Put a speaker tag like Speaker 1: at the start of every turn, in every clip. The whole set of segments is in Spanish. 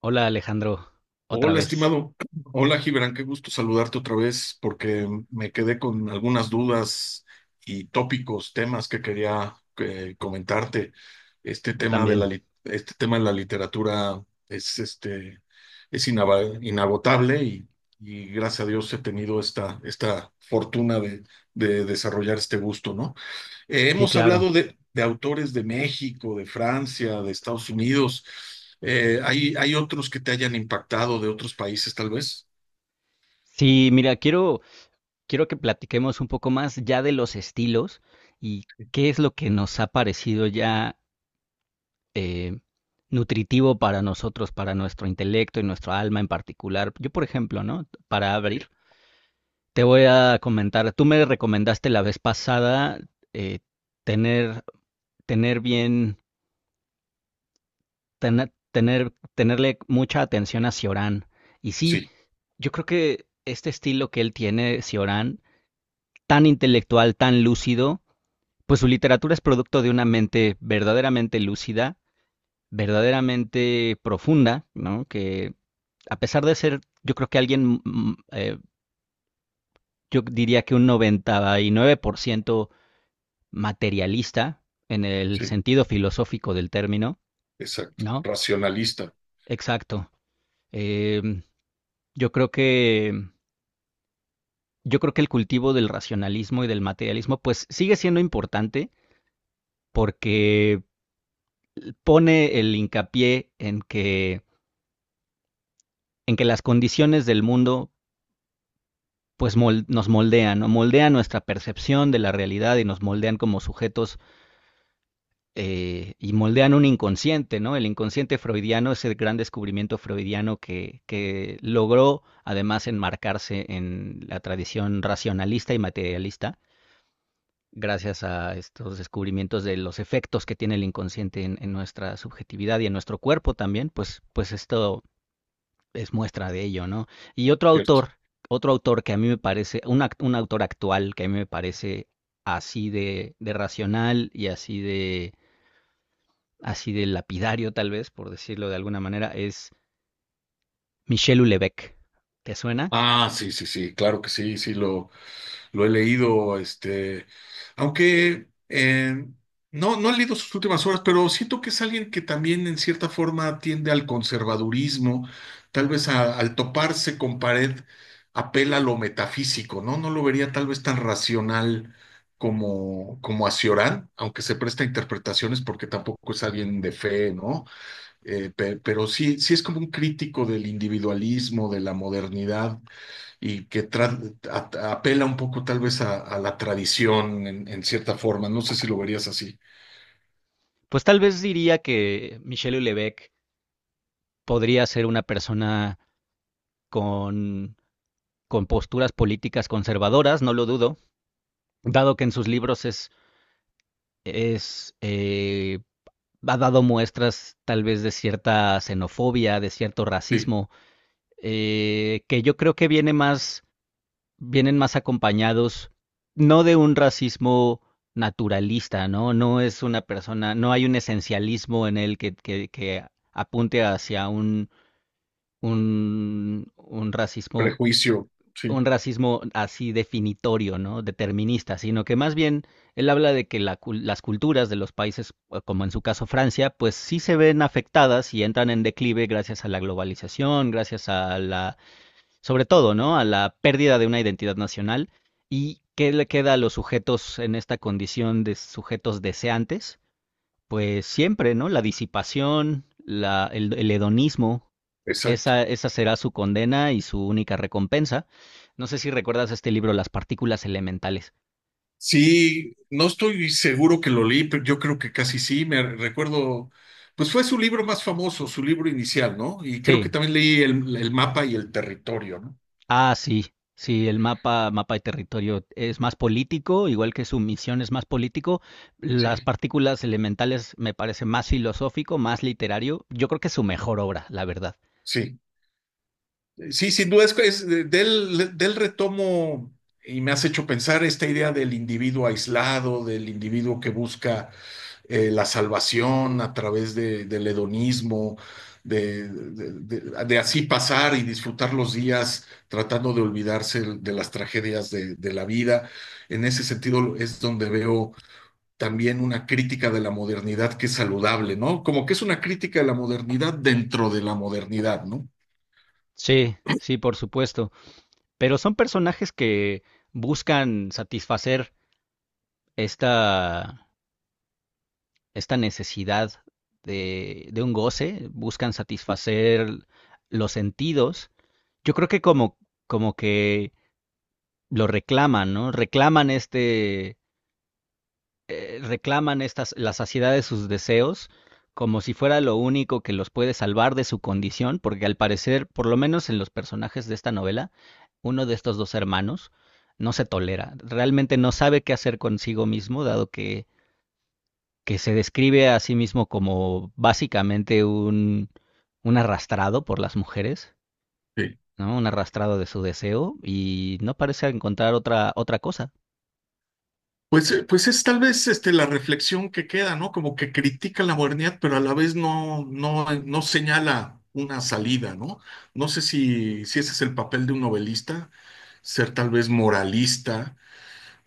Speaker 1: Hola, Alejandro, otra
Speaker 2: Hola,
Speaker 1: vez.
Speaker 2: estimado. Hola, Gibran. Qué gusto saludarte otra vez porque me quedé con algunas dudas y tópicos, temas que quería comentarte. Este
Speaker 1: Yo
Speaker 2: tema de
Speaker 1: también.
Speaker 2: este tema de la literatura es, es inagotable y gracias a Dios he tenido esta fortuna de desarrollar este gusto, ¿no?
Speaker 1: Sí,
Speaker 2: Hemos
Speaker 1: claro.
Speaker 2: hablado de autores de México, de Francia, de Estados Unidos. ¿ hay otros que te hayan impactado de otros países, tal vez?
Speaker 1: Sí, mira, quiero, quiero que platiquemos un poco más ya de los estilos y qué es lo que nos ha parecido ya eh, nutritivo para nosotros, para nuestro intelecto y nuestro alma en particular. Yo, por ejemplo, ¿no? Para
Speaker 2: Sí,
Speaker 1: abrir, te voy a comentar, tú me recomendaste la vez pasada, eh, tener, tener bien, tenerle mucha atención a Ciorán. Y sí,
Speaker 2: sí,
Speaker 1: yo creo que este estilo que él tiene, Cioran, tan intelectual, tan lúcido, pues su literatura es producto de una mente verdaderamente lúcida, verdaderamente profunda, ¿no? Que a pesar de ser, yo creo que alguien, yo diría que un 99% materialista en el
Speaker 2: sí,
Speaker 1: sentido filosófico del término,
Speaker 2: exacto.
Speaker 1: ¿no?
Speaker 2: Racionalista,
Speaker 1: Exacto. Eh, yo creo que el cultivo del racionalismo y del materialismo pues sigue siendo importante, porque pone el hincapié en que las condiciones del mundo pues nos moldean, ¿no? Moldean nuestra percepción de la realidad y nos moldean como sujetos, y moldean un inconsciente, ¿no? El inconsciente freudiano es el gran descubrimiento freudiano que logró además enmarcarse en la tradición racionalista y materialista gracias a estos descubrimientos de los efectos que tiene el inconsciente en nuestra subjetividad y en nuestro cuerpo también, pues, pues esto es muestra de ello, ¿no? Y
Speaker 2: ¿cierto?
Speaker 1: otro autor que a mí me parece, un autor actual que a mí me parece así de racional y así de lapidario, tal vez, por decirlo de alguna manera, es Michel Houellebecq. ¿Te suena?
Speaker 2: Ah, sí, sí, sí, claro que sí, lo he leído, aunque no, no he leído sus últimas obras, pero siento que es alguien que también en cierta forma tiende al conservadurismo, tal vez al toparse con pared apela a lo metafísico, ¿no? No lo vería tal vez tan racional como, como a Ciorán, aunque se presta a interpretaciones porque tampoco es alguien de fe, ¿no? Pero sí, sí es como un crítico del individualismo, de la modernidad y que apela un poco tal vez a la tradición en cierta forma. No sé si lo verías así.
Speaker 1: Pues tal vez diría que Michel Houellebecq podría ser una persona con, con posturas políticas conservadoras, no lo dudo, dado que en sus libros es ha dado muestras tal vez de cierta xenofobia, de cierto
Speaker 2: Sí,
Speaker 1: racismo, que yo creo que viene más, vienen más acompañados no de un racismo naturalista, ¿no? No es una persona, no hay un esencialismo en él que apunte hacia un, un racismo,
Speaker 2: prejuicio, sí,
Speaker 1: un racismo así definitorio, ¿no? Determinista, sino que más bien él habla de que las culturas de los países, como en su caso Francia, pues sí se ven afectadas y entran en declive gracias a la globalización, gracias a sobre todo, ¿no? A la pérdida de una identidad nacional. ¿Y qué le queda a los sujetos en esta condición de sujetos deseantes? Pues siempre, ¿no? La disipación, el hedonismo,
Speaker 2: exacto.
Speaker 1: esa será su condena y su única recompensa. No sé si recuerdas este libro, Las partículas elementales.
Speaker 2: Sí, no estoy seguro que lo leí, pero yo creo que casi sí. Me recuerdo, pues fue su libro más famoso, su libro inicial, ¿no? Y creo que
Speaker 1: Sí,
Speaker 2: también leí el mapa y el territorio, ¿no?
Speaker 1: ah, sí, sí, el mapa, mapa de territorio es más político, igual que su misión es más político. Las
Speaker 2: Sí.
Speaker 1: partículas elementales me parece más filosófico, más literario. Yo creo que es su mejor obra, la verdad.
Speaker 2: Sí, sí, sin duda es del retomo y me has hecho pensar esta idea del individuo aislado, del individuo que busca la salvación a través del hedonismo, de, de- de así pasar y disfrutar los días tratando de olvidarse de las tragedias de la vida. En ese sentido es donde veo también una crítica de la modernidad que es saludable, ¿no? Como que es una crítica de la modernidad dentro de la modernidad, ¿no?
Speaker 1: Sí, sí, por supuesto. Pero son personajes que buscan satisfacer esta, esta necesidad de un goce, buscan satisfacer los sentidos. Yo creo que como, como que lo reclaman, ¿no? Reclaman este, reclaman estas, la saciedad de sus deseos, como si fuera lo único que los puede salvar de su condición, porque al parecer, por lo menos en los personajes de esta novela, uno de estos dos hermanos no se tolera, realmente no sabe qué hacer consigo mismo, dado que se describe a sí mismo como básicamente un arrastrado por las mujeres, ¿no? Un arrastrado de su deseo y no parece encontrar otra, otra cosa.
Speaker 2: Pues, pues es tal vez la reflexión que queda, ¿no? Como que critica la modernidad, pero a la vez no señala una salida, ¿no? No sé si, si ese es el papel de un novelista, ser tal vez moralista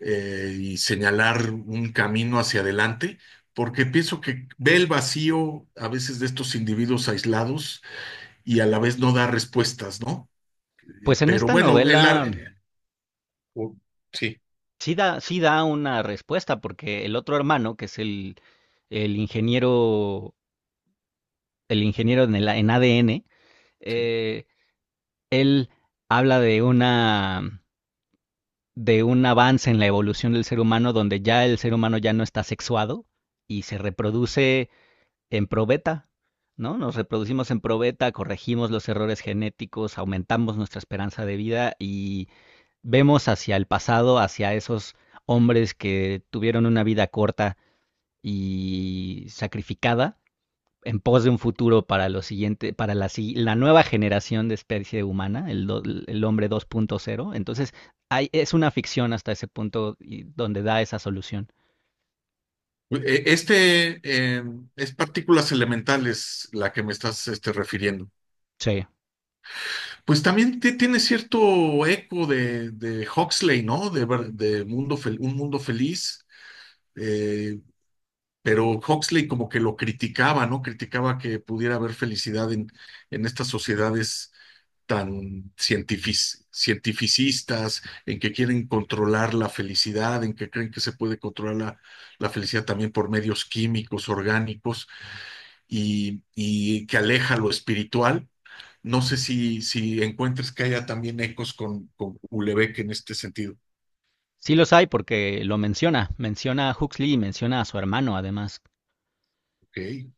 Speaker 2: y señalar un camino hacia adelante, porque pienso que ve el vacío a veces de estos individuos aislados y a la vez no da respuestas, ¿no?
Speaker 1: Pues en
Speaker 2: Pero
Speaker 1: esta
Speaker 2: bueno, en la...
Speaker 1: novela
Speaker 2: Sí,
Speaker 1: sí da, sí da una respuesta porque el otro hermano, que es el ingeniero, el ingeniero en ADN,
Speaker 2: sí.
Speaker 1: eh, él habla de una, de un avance en la evolución del ser humano donde ya el ser humano ya no está sexuado y se reproduce en probeta, ¿no? Nos reproducimos en probeta, corregimos los errores genéticos, aumentamos nuestra esperanza de vida y vemos hacia el pasado, hacia esos hombres que tuvieron una vida corta y sacrificada en pos de un futuro para lo siguiente, para la, si-, la nueva generación de especie humana, el hombre 2.0. Entonces, hay, es una ficción hasta ese punto donde da esa solución.
Speaker 2: Este es partículas elementales la que me estás refiriendo.
Speaker 1: Sí,
Speaker 2: Pues también tiene cierto eco de Huxley, ¿no? De mundo un mundo feliz, eh, pero Huxley como que lo criticaba, ¿no? Criticaba que pudiera haber felicidad en estas sociedades tan cientificistas, en que quieren controlar la felicidad, en que creen que se puede controlar la felicidad también por medios químicos, orgánicos, y que aleja lo espiritual. No sé si, si encuentres que haya también ecos con Ulebeck en este sentido.
Speaker 1: sí los hay porque lo menciona, menciona a Huxley y menciona a su hermano además.
Speaker 2: Okay.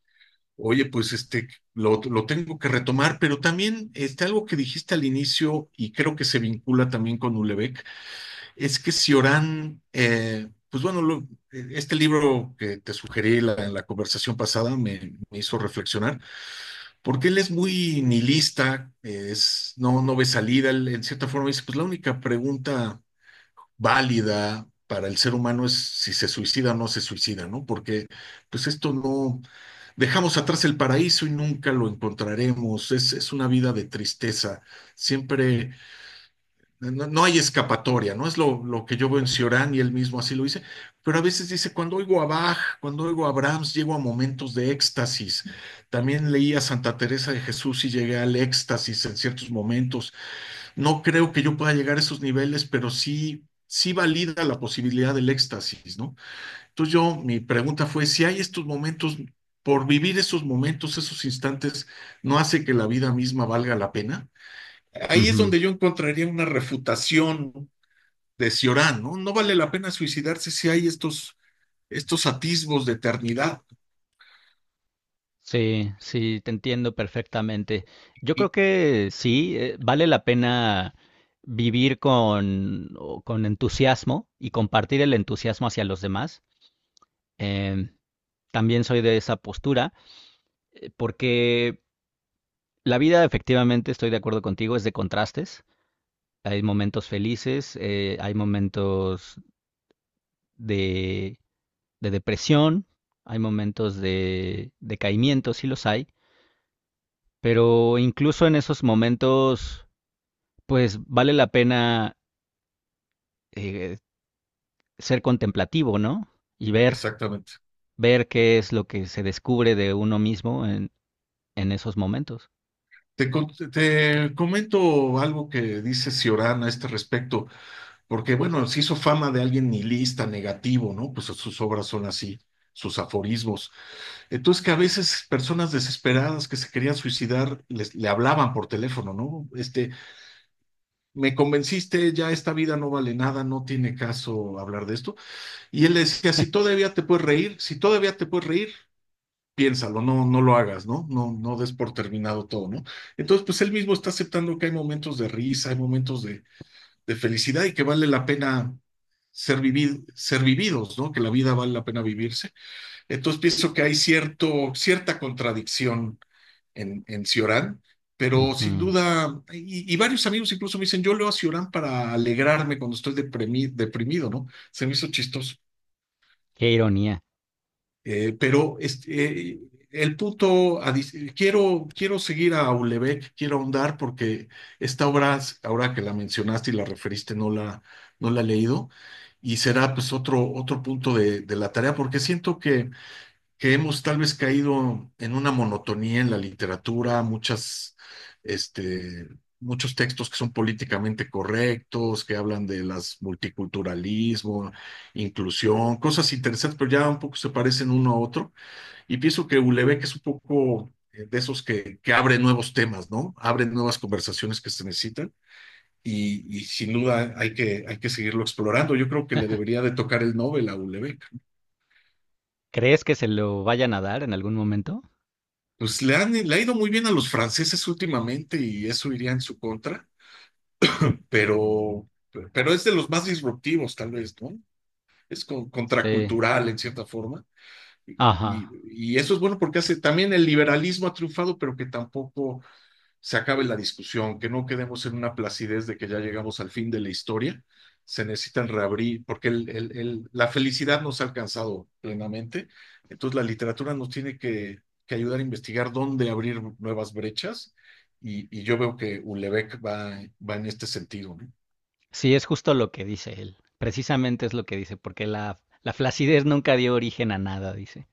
Speaker 2: Oye, pues lo tengo que retomar, pero también algo que dijiste al inicio y creo que se vincula también con Ulebeck, es que si pues bueno, lo, este libro que te sugerí en la conversación pasada me, me hizo reflexionar, porque él es muy nihilista, es, no, no ve salida, él en cierta forma dice, pues la única pregunta válida para el ser humano es si se suicida o no se suicida, ¿no? Porque pues esto no, dejamos atrás el paraíso y nunca lo encontraremos, es una vida de tristeza, siempre no, no hay escapatoria, ¿no? Es lo que yo veo en Ciorán y él mismo así lo dice, pero a veces dice, cuando oigo a Bach, cuando oigo a Brahms, llego a momentos de éxtasis. También leí a Santa Teresa de Jesús y llegué al éxtasis en ciertos momentos. No creo que yo pueda llegar a esos niveles, pero sí, sí valida la posibilidad del éxtasis, ¿no? Entonces yo, mi pregunta fue, si hay estos momentos, por vivir esos momentos, esos instantes, ¿no hace que la vida misma valga la pena? Ahí es
Speaker 1: Ujú.
Speaker 2: donde yo encontraría una refutación de Ciorán, ¿no? No vale la pena suicidarse si hay estos, estos atisbos de eternidad.
Speaker 1: Sí, sí, te entiendo perfectamente. Yo creo
Speaker 2: Y,
Speaker 1: que sí, vale la pena vivir con, con entusiasmo y compartir el entusiasmo hacia los demás. Em, también soy de esa postura, porque la vida, efectivamente, estoy de acuerdo contigo, es de contrastes. Hay momentos felices, hay momentos de de depresión, hay momentos de decaimiento, sí los hay, pero incluso en esos momentos, pues vale la pena, eh, ser contemplativo, ¿no? Y ver,
Speaker 2: exactamente.
Speaker 1: ver qué es lo que se descubre de uno mismo en esos momentos.
Speaker 2: Te, te comento algo que dice Ciorán a este respecto, porque bueno, se hizo fama de alguien nihilista, negativo, ¿no? Pues sus obras son así, sus aforismos. Entonces que a veces personas desesperadas que se querían suicidar le hablaban por teléfono, ¿no? Este, me convenciste, ya esta vida no vale nada, no tiene caso hablar de esto. Y él le decía, si todavía te puedes reír, si todavía te puedes reír, piénsalo, no, no lo hagas, ¿no? No, no des por terminado todo, ¿no? Entonces, pues él mismo está aceptando que hay momentos de risa, hay momentos de felicidad y que vale la pena ser, vivid, ser vividos, ¿no? Que la vida vale la pena vivirse. Entonces, pienso que hay cierto, cierta contradicción en Ciorán, pero sin
Speaker 1: Ujú.
Speaker 2: duda, y, varios amigos incluso me dicen, yo leo a Ciorán para alegrarme cuando estoy deprimido, ¿no? Se me hizo chistoso.
Speaker 1: Qué ironía.
Speaker 2: Pero el punto, quiero, quiero seguir a Aulebec, quiero ahondar porque esta obra, ahora que la mencionaste y la referiste, no no la he leído y será pues otro, otro punto de la tarea porque siento que hemos tal vez caído en una monotonía en la literatura, este, muchos textos que son políticamente correctos, que hablan de las multiculturalismo, inclusión, cosas interesantes, pero ya un poco se parecen uno a otro. Y pienso que Ulebeck es un poco de esos que abre nuevos temas, ¿no? Abre nuevas conversaciones que se necesitan. Y sin duda hay que seguirlo explorando. Yo creo que le debería de tocar el Nobel a Ulebeck.
Speaker 1: ¿Crees que se lo vayan a dar en algún momento?
Speaker 2: Pues le han, le ha ido muy bien a los franceses últimamente y eso iría en su contra, pero, pero es de los más disruptivos, tal vez, ¿no? Es
Speaker 1: Sí.
Speaker 2: contracultural en cierta forma. Y,
Speaker 1: Ajá.
Speaker 2: y eso es bueno porque hace también el liberalismo ha triunfado, pero que tampoco se acabe la discusión, que no quedemos en una placidez de que ya llegamos al fin de la historia. Se necesitan reabrir, porque la felicidad nos ha alcanzado plenamente. Entonces la literatura nos tiene que ayudar a investigar dónde abrir nuevas brechas y yo veo que Ulebeck va, va en este sentido, ¿no?
Speaker 1: Sí, es justo lo que dice él. Precisamente es lo que dice, porque la flacidez nunca dio origen a nada, dice.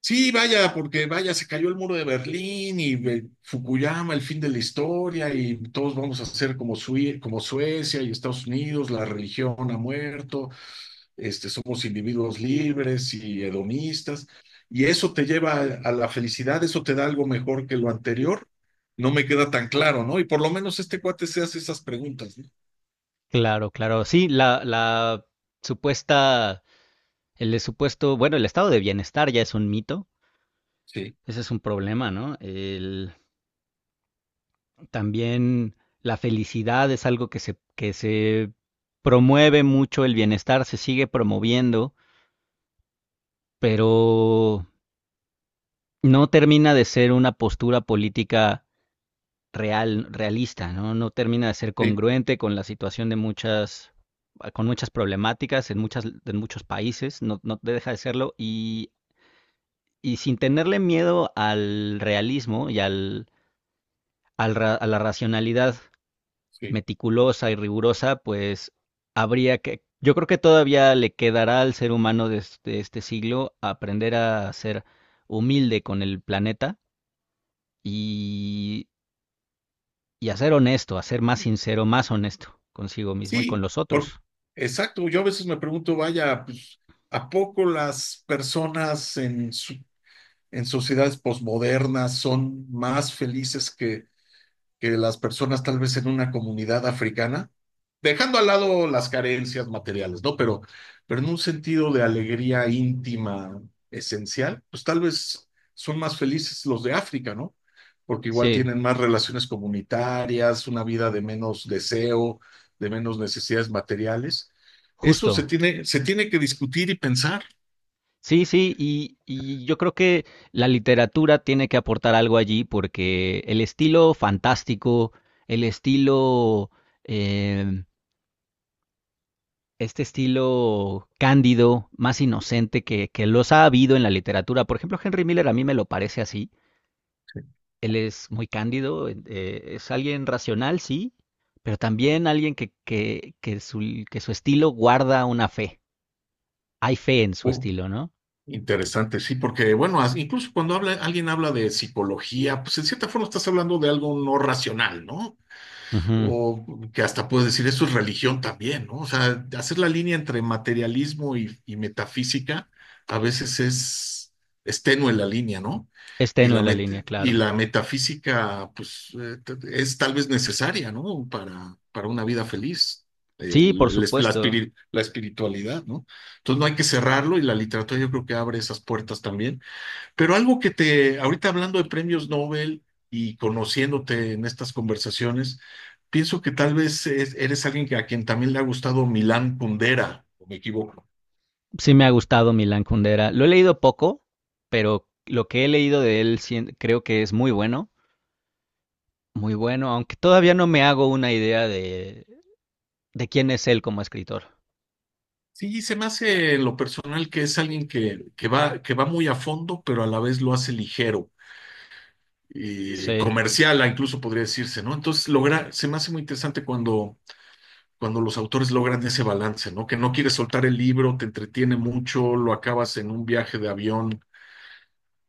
Speaker 2: Sí, vaya, porque vaya, se cayó el muro de Berlín y Fukuyama, el fin de la historia, y todos vamos a ser como Suecia y Estados Unidos, la religión ha muerto, este, somos individuos libres y hedonistas, y eso te lleva a la felicidad, eso te da algo mejor que lo anterior. No me queda tan claro, ¿no? Y por lo menos este cuate se hace esas preguntas, ¿no?
Speaker 1: Claro, claro. Sí, supuesta, el supuesto, bueno, el estado de bienestar ya es un mito.
Speaker 2: Sí,
Speaker 1: Ese es un problema, ¿no? El, también la felicidad es algo que que se promueve mucho, el bienestar se sigue promoviendo, pero no termina de ser una postura política real, realista, ¿no? No termina de ser
Speaker 2: sí,
Speaker 1: congruente con la situación de muchas, con muchas problemáticas en muchas, en muchos países, no, no deja de serlo, y sin tenerle miedo al realismo y a la racionalidad
Speaker 2: sí.
Speaker 1: meticulosa y rigurosa, pues habría que... Yo creo que todavía le quedará al ser humano de este, este siglo aprender a ser humilde con el planeta y, y a ser honesto, a ser más sincero, más honesto consigo mismo y con
Speaker 2: Sí,
Speaker 1: los
Speaker 2: por,
Speaker 1: otros.
Speaker 2: exacto. Yo a veces me pregunto, vaya, pues, ¿a poco las personas en sociedades posmodernas son más felices que las personas tal vez en una comunidad africana, dejando al lado las carencias materiales, ¿no? Pero en un sentido de alegría íntima esencial, pues tal vez son más felices los de África, ¿no? Porque igual
Speaker 1: Sí,
Speaker 2: tienen más relaciones comunitarias, una vida de menos deseo, de menos necesidades materiales. Eso
Speaker 1: justo.
Speaker 2: se tiene que discutir y pensar.
Speaker 1: Sí, sí, y yo creo que la literatura tiene que aportar algo allí porque el estilo fantástico, el estilo, em, este estilo cándido, más inocente que los ha habido en la literatura. Por ejemplo, Henry Miller a mí me lo parece así. Él es muy cándido, es alguien racional, sí, pero también alguien que su estilo guarda una fe. Hay fe en su
Speaker 2: O-
Speaker 1: estilo, ¿no?
Speaker 2: Interesante, sí, porque bueno, incluso cuando habla, alguien habla de psicología, pues en cierta forma estás hablando de algo no racional, ¿no?
Speaker 1: Ujú.
Speaker 2: O que hasta puedes decir eso es religión también, ¿no? O sea, hacer la línea entre materialismo y metafísica a veces es tenue la línea, ¿no?
Speaker 1: Es
Speaker 2: Y
Speaker 1: tenue la línea,
Speaker 2: y
Speaker 1: claro.
Speaker 2: la metafísica, pues, es tal vez necesaria, ¿no? Para una vida feliz,
Speaker 1: Sí, por
Speaker 2: el esp- la,
Speaker 1: supuesto.
Speaker 2: espiri- la espiritualidad, ¿no? Entonces no hay que cerrarlo y la literatura yo creo que abre esas puertas también, pero algo que te, ahorita hablando de premios Nobel y conociéndote en estas conversaciones, pienso que tal vez eres alguien a quien también le ha gustado Milán Kundera, o me equivoco.
Speaker 1: Sí me ha gustado Milan Kundera. Lo he leído poco, pero lo que he leído de él creo que es muy bueno, muy bueno, aunque todavía no me hago una idea de quién es él como escritor.
Speaker 2: Sí, se me hace en lo personal que es alguien que va muy a fondo, pero a la vez lo hace ligero, y
Speaker 1: Sí,
Speaker 2: comercial, incluso podría decirse, ¿no? Entonces, logra, se me hace muy interesante cuando, cuando los autores logran ese balance, ¿no? Que no quieres soltar el libro, te entretiene mucho, lo acabas en un viaje de avión,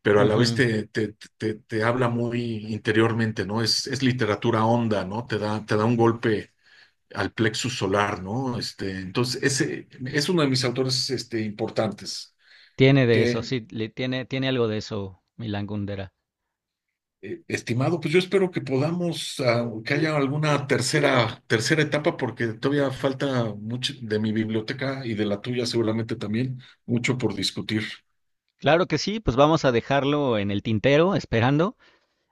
Speaker 2: pero a la vez
Speaker 1: ujú.
Speaker 2: te habla muy interiormente, ¿no? Es literatura honda, ¿no? Te da un golpe al plexus solar, ¿no? Este, entonces, ese es uno de mis autores importantes,
Speaker 1: Tiene de eso,
Speaker 2: que,
Speaker 1: sí, le tiene, tiene algo de eso Milan Kundera.
Speaker 2: estimado, pues yo espero que podamos, ah, que haya alguna tercera, tercera etapa, porque todavía falta mucho de mi biblioteca y de la tuya seguramente también, mucho por discutir.
Speaker 1: Claro que sí, pues vamos a dejarlo en el tintero, esperando,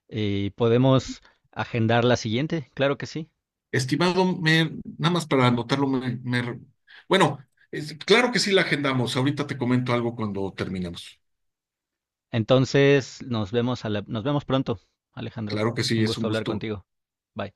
Speaker 1: y podemos agendar la siguiente, claro que sí.
Speaker 2: Estimado, nada más para anotarlo, bueno, claro que sí la agendamos. Ahorita te comento algo cuando terminemos.
Speaker 1: Entonces, nos vemos a nos vemos pronto, Alejandro.
Speaker 2: Claro que
Speaker 1: Un
Speaker 2: sí, es un
Speaker 1: gusto hablar
Speaker 2: gusto.
Speaker 1: contigo. Bye.